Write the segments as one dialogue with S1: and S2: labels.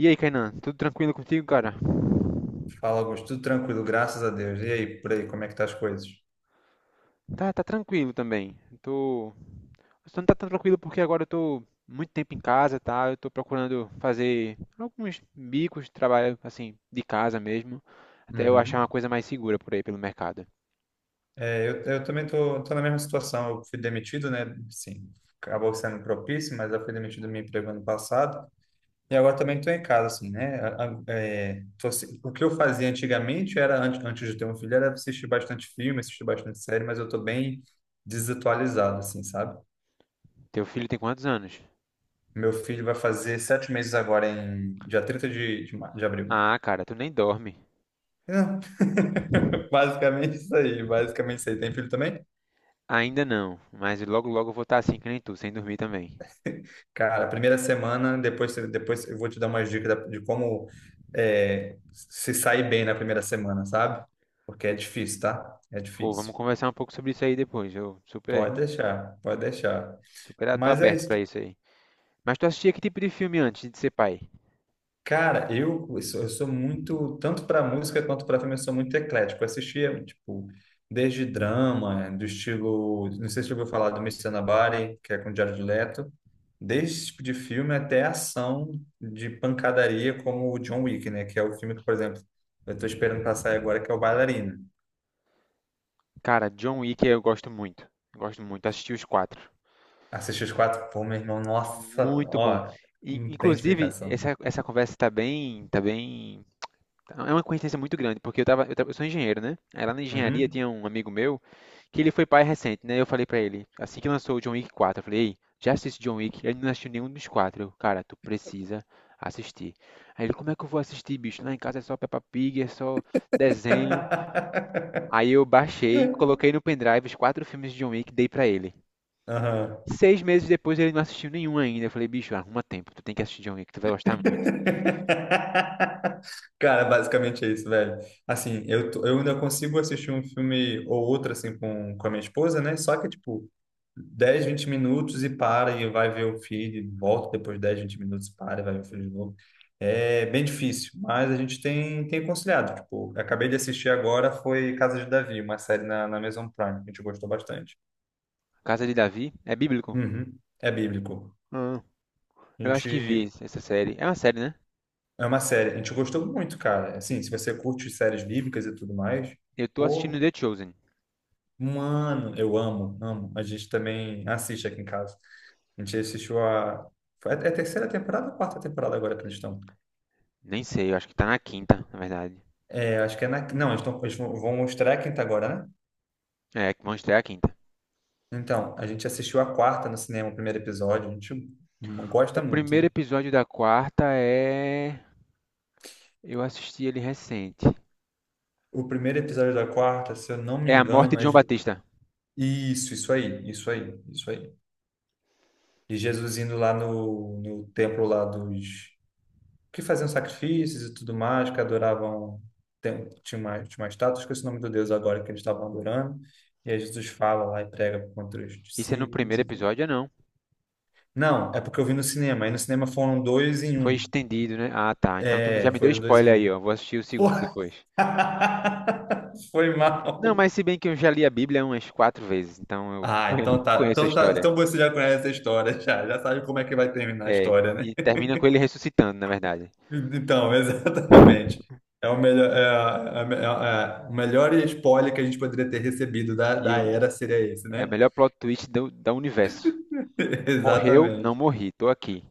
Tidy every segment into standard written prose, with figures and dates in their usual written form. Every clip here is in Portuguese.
S1: E aí, Kainan, tudo tranquilo contigo, cara?
S2: Fala, Augusto. Tudo tranquilo, graças a Deus. E aí, por aí, como é que tá as coisas?
S1: Tá, tá tranquilo também. Eu tô... Só não tá tão tranquilo porque agora eu tô muito tempo em casa, tá? Eu tô procurando fazer alguns bicos, trabalho assim, de casa mesmo, até eu achar
S2: Uhum.
S1: uma coisa mais segura por aí pelo mercado.
S2: Eu também tô na mesma situação. Eu fui demitido, né? Sim, acabou sendo propício, mas eu fui demitido do meu emprego ano passado. E agora também tô em casa, assim, né? O que eu fazia antigamente era, antes de ter um filho, era assistir bastante filme, assistir bastante série, mas eu tô bem desatualizado, assim, sabe?
S1: Teu filho tem quantos anos?
S2: Meu filho vai fazer sete meses agora, em dia 30 de, de abril.
S1: Ah, cara, tu nem dorme.
S2: Não. Basicamente isso aí, basicamente isso aí. Tem filho também?
S1: Ainda não, mas logo logo eu vou estar assim que nem tu, sem dormir também.
S2: Cara, primeira semana, depois eu vou te dar umas dicas de como é, se sair bem na primeira semana, sabe? Porque é difícil, tá? É
S1: Pô,
S2: difícil.
S1: vamos conversar um pouco sobre isso aí depois. Eu super,
S2: Pode deixar, pode deixar.
S1: super tô
S2: Mas é
S1: aberto
S2: isso,
S1: pra
S2: tipo.
S1: isso aí. Mas tu assistia que tipo de filme antes de ser pai?
S2: Cara, eu sou muito, tanto para música quanto para filme, eu sou muito eclético. Eu assistia, tipo, desde drama, do estilo, não sei se você ouviu falar do Mr. Nobody, que é com Jared Leto, desde esse tipo de filme até ação de pancadaria, como o John Wick, né? Que é o filme que, por exemplo, eu tô esperando pra sair agora, que é o Bailarina.
S1: Cara, John Wick eu gosto muito. Eu gosto muito. Assisti os quatro.
S2: Assisti os quatro, pô, meu irmão, nossa,
S1: Muito bom.
S2: ó,
S1: E,
S2: não tem
S1: inclusive,
S2: explicação.
S1: essa conversa tá bem, tá bem. É uma coincidência muito grande, porque eu sou engenheiro, né? Aí lá na engenharia
S2: Uhum.
S1: tinha um amigo meu que ele foi pai recente, né? Eu falei pra ele, assim que lançou o John Wick 4, eu falei, ei, já assisti John Wick? Ele não assistiu nenhum dos quatro. Eu, cara, tu precisa assistir. Aí ele, como é que eu vou assistir, bicho? Lá em casa é só Peppa Pig, é só desenho. Aí eu baixei, coloquei no pendrive os quatro filmes de John Wick, e dei pra ele.
S2: Aham.
S1: Seis meses depois ele não assistiu nenhum ainda. Eu falei, bicho, arruma tempo, tu tem que assistir John que tu vai gostar muito.
S2: Cara, basicamente é isso, velho. Assim, eu ainda consigo assistir um filme ou outro, assim, com a minha esposa, né? Só que, tipo, 10 20 minutos e para, e vai ver o filho, volta depois de 10, 20 minutos, para e vai ver o filho de novo. É bem difícil, mas a gente tem, tem conciliado. Tipo, eu acabei de assistir agora, foi Casa de Davi, uma série na, na Amazon Prime, que a gente gostou bastante.
S1: Casa de Davi é bíblico?
S2: Uhum. É bíblico.
S1: Ah,
S2: A
S1: eu acho que vi
S2: gente...
S1: essa série. É uma série, né?
S2: É uma série. A gente gostou muito, cara. Assim, se você curte séries bíblicas e tudo mais,
S1: Eu tô assistindo
S2: pô,
S1: The Chosen.
S2: mano, eu amo, amo. A gente também assiste aqui em casa. A gente assistiu a... É a terceira temporada ou a quarta temporada agora que eles estão?
S1: Nem sei, eu acho que tá na quinta, na verdade.
S2: É, acho que é na... Não, eles tão, eles vão mostrar a quinta agora, né?
S1: É, que vão estrear a quinta.
S2: Então, a gente assistiu a quarta no cinema, o primeiro episódio. A gente
S1: O
S2: gosta muito,
S1: primeiro
S2: né?
S1: episódio da quarta é. Eu assisti ele recente.
S2: O primeiro episódio da quarta, se eu não me
S1: É a morte
S2: engano,
S1: de
S2: é...
S1: João Batista.
S2: Isso, isso aí, isso aí, isso aí. E Jesus indo lá no, no templo lá dos que faziam sacrifícios e tudo mais, que adoravam, tinha uma estátua, esqueci o nome do Deus agora que eles estavam adorando, e aí Jesus fala lá e prega contra os
S1: Isso é no
S2: discípulos,
S1: primeiro
S2: enfim.
S1: episódio ou não?
S2: Não, é porque eu vi no cinema, aí no cinema foram dois em
S1: Foi
S2: um.
S1: estendido, né? Ah, tá. Então tu já
S2: É,
S1: me deu
S2: foram dois
S1: spoiler
S2: em
S1: aí,
S2: um.
S1: ó. Vou assistir o
S2: Pô.
S1: segundo depois.
S2: Foi mal.
S1: Não, mas se bem que eu já li a Bíblia umas quatro vezes, então eu
S2: Ah, então tá.
S1: conheço a
S2: Então tá.
S1: história.
S2: Então você já conhece a história, já. Já sabe como é que vai terminar a
S1: É,
S2: história, né?
S1: e termina com ele ressuscitando, na verdade.
S2: Então, exatamente. É o melhor, o melhor spoiler que a gente poderia ter recebido da,
S1: E
S2: da
S1: o-
S2: era seria esse,
S1: É o
S2: né?
S1: melhor plot twist do universo. Morreu, não
S2: Exatamente.
S1: morri, tô aqui.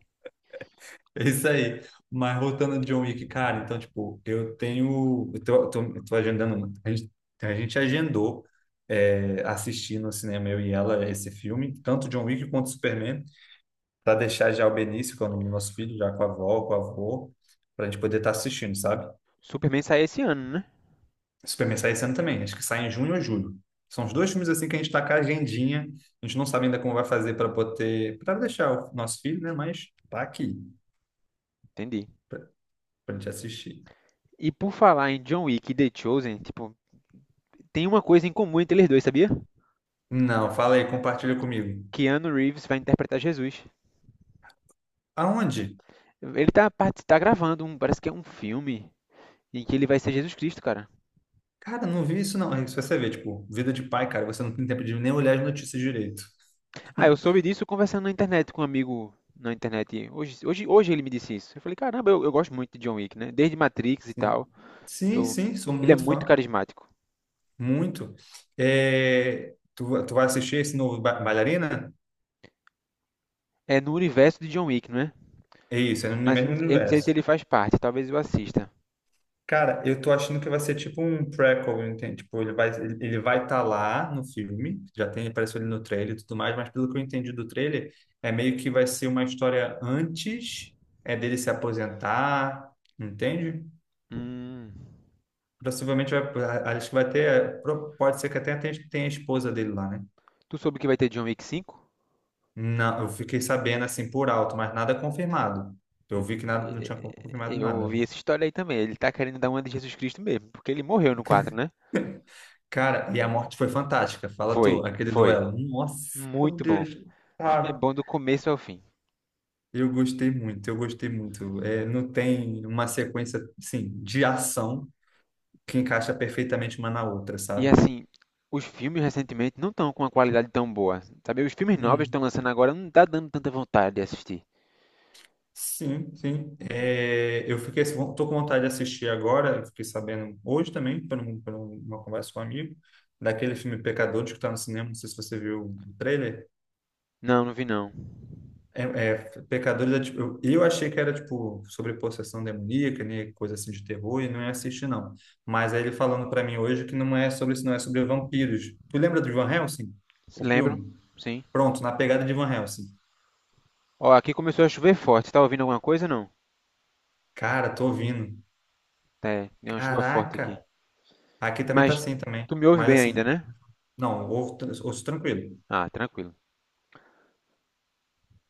S2: É isso aí. Mas voltando de John Wick, cara, então, tipo, eu tenho... eu tô agendando a gente, a gente agendou, é, assistir no cinema, eu e ela, esse filme, tanto John Wick quanto Superman, para deixar já o Benício, que é o nome do nosso filho, já com a avó, com o avô, para a gente poder estar assistindo, sabe?
S1: Superman sai esse ano, né?
S2: Superman sai esse ano também, acho que sai em junho ou julho. São os dois filmes assim que a gente está com a agendinha. A gente não sabe ainda como vai fazer para poder, para deixar o nosso filho, né? Mas tá aqui
S1: Entendi.
S2: para a gente assistir.
S1: E por falar em John Wick e The Chosen, tipo, tem uma coisa em comum entre eles dois, sabia?
S2: Não, fala aí, compartilha comigo.
S1: Keanu Reeves vai interpretar Jesus.
S2: Aonde?
S1: Tá gravando um, parece que é um filme em que ele vai ser Jesus Cristo, cara.
S2: Cara, não vi isso não. Aí você vê, tipo, vida de pai, cara, você não tem tempo de nem olhar as notícias direito.
S1: Ah, eu soube disso conversando na internet com um amigo na internet. Hoje ele me disse isso. Eu falei, caramba, eu gosto muito de John Wick, né? Desde Matrix e
S2: Sim,
S1: tal.
S2: sim,
S1: Eu,
S2: sim, sou
S1: Ele é
S2: muito
S1: muito
S2: fã,
S1: carismático.
S2: muito. É, tu vai assistir esse novo Bailarina?
S1: É no universo de John Wick, não é?
S2: É isso, é no
S1: Mas eu
S2: mesmo
S1: não eu não sei se
S2: universo.
S1: ele faz parte. Talvez eu assista.
S2: Cara, eu tô achando que vai ser tipo um prequel, entende? Tipo, ele vai estar lá no filme, já tem, apareceu ele no trailer e tudo mais, mas pelo que eu entendi do trailer, é meio que vai ser uma história antes é dele se aposentar, entende?
S1: Hum,
S2: Possivelmente vai, acho que vai ter, é, pode ser que até tenha, tenha a esposa dele lá, né?
S1: tu soube que vai ter John Wick 5?
S2: Não, eu fiquei sabendo assim por alto, mas nada confirmado. Eu
S1: Eu,
S2: vi que nada, não tinha
S1: eh,
S2: confirmado
S1: eu
S2: nada, né?
S1: ouvi essa história aí também. Ele tá querendo dar uma de Jesus Cristo mesmo, porque ele morreu no 4, né?
S2: Cara, e a morte foi fantástica. Fala
S1: Foi,
S2: tu, aquele
S1: foi.
S2: duelo. Nossa, meu
S1: Muito bom.
S2: Deus,
S1: O filme é
S2: cara.
S1: bom do começo ao fim.
S2: Eu gostei muito, eu gostei muito. É, não tem uma sequência, assim, de ação que encaixa perfeitamente uma na outra,
S1: E
S2: sabe?
S1: assim, os filmes recentemente não estão com uma qualidade tão boa. Sabe, os filmes novos que
S2: Hum,
S1: estão lançando agora não tá dando tanta vontade de assistir.
S2: sim, sim. É, eu fiquei, assim, tô com vontade de assistir agora, eu fiquei sabendo hoje também, por, uma conversa com um amigo, daquele filme Pecadores que tá no cinema, não sei se você viu o trailer.
S1: Não, não vi não.
S2: É, é, Pecadores é tipo... eu achei que era tipo sobre possessão demoníaca, né? Coisa assim de terror, e não ia assistir, não. Mas aí ele falando pra mim hoje que não é sobre isso, não é sobre vampiros. Tu lembra do Van Helsing? O
S1: Lembram?
S2: filme?
S1: Sim.
S2: Pronto, na pegada de Van Helsing.
S1: Ó, aqui começou a chover forte. Tá ouvindo alguma coisa ou não?
S2: Cara, tô ouvindo.
S1: É, é uma chuva forte aqui.
S2: Caraca! Aqui também
S1: Mas
S2: tá assim também.
S1: tu me ouve
S2: Mas
S1: bem ainda,
S2: assim,
S1: né?
S2: não, ouço, ouço tranquilo.
S1: Ah, tranquilo.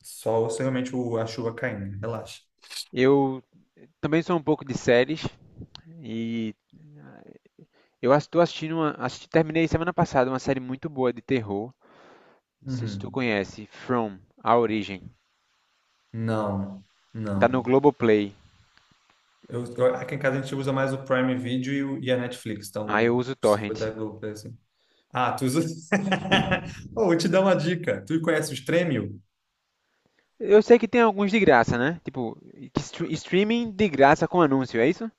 S2: Só ouço realmente o, a chuva caindo. Relaxa.
S1: Eu também sou um pouco de séries e tô assistindo uma, assisti, terminei semana passada uma série muito boa de terror. Não sei se tu
S2: Uhum.
S1: conhece, From, A Origem.
S2: Não,
S1: Tá no
S2: não.
S1: Globoplay.
S2: Aqui em casa a gente usa mais o Prime Video e, e a Netflix,
S1: Ah, eu
S2: então
S1: uso
S2: se for
S1: Torrent.
S2: da Globoplay, assim. Ah, tu usa... Oh, vou te dar uma dica. Tu conhece o Stremio?
S1: Eu sei que tem alguns de graça, né? Tipo, que streaming de graça com anúncio, é isso?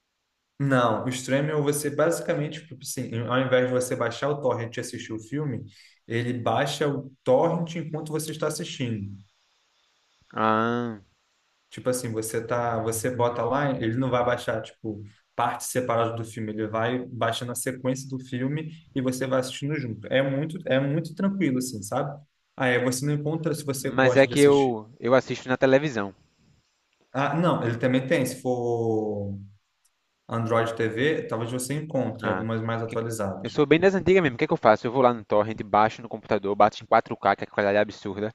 S2: Não, o Stremio você basicamente, tipo assim, ao invés de você baixar o torrent e assistir o filme, ele baixa o torrent enquanto você está assistindo.
S1: Ah,
S2: Tipo assim, você tá, você bota lá, ele não vai baixar, tipo, partes separadas do filme, ele vai baixando a sequência do filme e você vai assistindo junto. É muito tranquilo, assim, sabe? Aí você não encontra se você
S1: mas é
S2: gosta de
S1: que
S2: assistir.
S1: eu assisto na televisão.
S2: Ah, não, ele também tem, se for Android TV, talvez você encontre
S1: Ah,
S2: algumas mais
S1: que-
S2: atualizadas.
S1: eu sou bem das antigas mesmo. O que é que eu faço? Eu vou lá no torrent, baixo no computador, bato em 4K, que é a qualidade é absurda,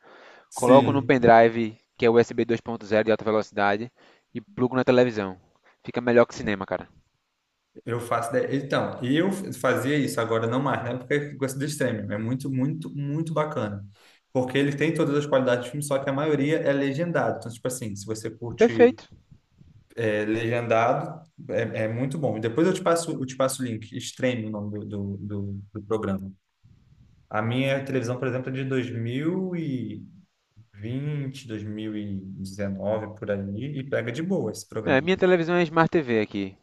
S1: coloco no
S2: Sim.
S1: pendrive, que é USB 2.0 de alta velocidade, e plugo na televisão. Fica melhor que cinema, cara.
S2: Então, eu fazia isso, agora não mais, né? Porque eu gosto do streaming. É muito bacana. Porque ele tem todas as qualidades de filme, só que a maioria é legendado. Então, tipo assim, se você curte
S1: Perfeito.
S2: é, legendado, é muito bom. E depois eu te passo o link. Stream, o nome do do programa. A minha televisão, por exemplo, é de dois mil e vinte, dois mil e 2019, por ali, e pega de boa esse
S1: É,
S2: programa.
S1: minha televisão é Smart TV aqui.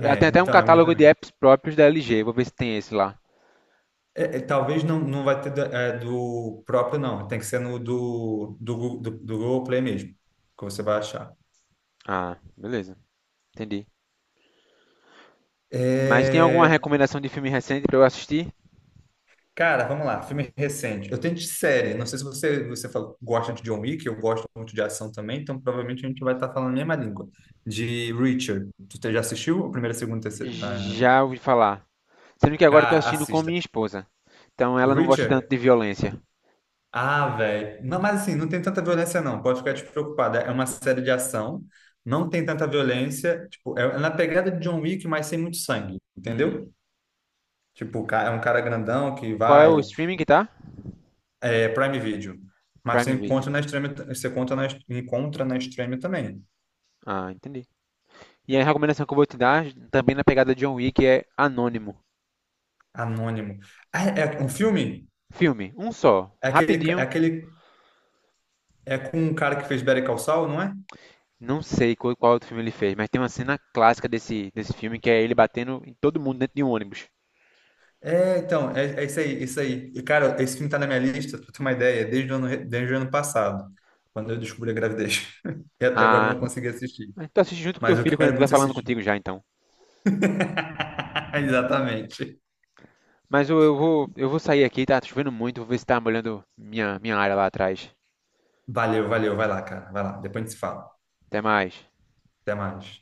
S1: Ela tem até um
S2: então, a minha
S1: catálogo de
S2: também.
S1: apps próprios da LG. Vou ver se tem esse lá.
S2: É, é, talvez não, não vai ter do, é, do próprio, não. Tem que ser no do, do Google Play mesmo, que você vai achar.
S1: Ah, beleza. Entendi. Mas tem alguma
S2: É,
S1: recomendação de filme recente pra eu assistir?
S2: cara, vamos lá. Filme recente. Eu tenho de série. Não sei se você, gosta de John Wick, eu gosto muito de ação também, então provavelmente a gente vai estar falando a mesma língua. De Richard. Tu já assistiu a primeira, segunda, terceira? Ah,
S1: Já ouvi falar. Sendo que agora eu tô
S2: cara,
S1: assistindo com
S2: assista.
S1: minha esposa. Então
S2: O
S1: ela não gosta tanto
S2: Richard...
S1: de violência.
S2: Ah, velho. Não, mas assim, não tem tanta violência, não. Pode ficar despreocupada. É uma série de ação, não tem tanta violência. Tipo, é na pegada de John Wick, mas sem muito sangue,
S1: Hum,
S2: entendeu? Tipo, é um cara grandão que
S1: Qual é o
S2: vai.
S1: streaming que tá?
S2: É Prime Video. Mas você
S1: Prime Video.
S2: encontra na Extreme, encontra na Extreme também.
S1: Ah, entendi. E a recomendação que eu vou te dar, também na pegada de John Wick, é Anônimo.
S2: Anônimo. Ah, é um filme?
S1: Filme, um só,
S2: É aquele, é
S1: rapidinho.
S2: aquele. É com um cara que fez Better Call Saul, não é?
S1: Não sei qual, qual outro filme ele fez, mas tem uma cena clássica desse, desse filme que é ele batendo em todo mundo dentro de um ônibus.
S2: É isso aí, isso aí. E, cara, esse filme tá na minha lista, pra ter uma ideia, desde o ano, desde o ano passado, quando eu descobri a gravidez. E até agora eu
S1: Ah,
S2: não consegui assistir.
S1: mas tu assiste junto com teu
S2: Mas eu
S1: filho quando
S2: quero
S1: ele vai
S2: muito
S1: falando
S2: assistir.
S1: contigo já, então.
S2: Exatamente.
S1: Mas eu vou sair aqui, tá chovendo muito, vou ver se tá molhando minha área lá atrás.
S2: Valeu, valeu. Vai lá, cara. Vai lá. Depois a gente se fala.
S1: Até mais.
S2: Até mais.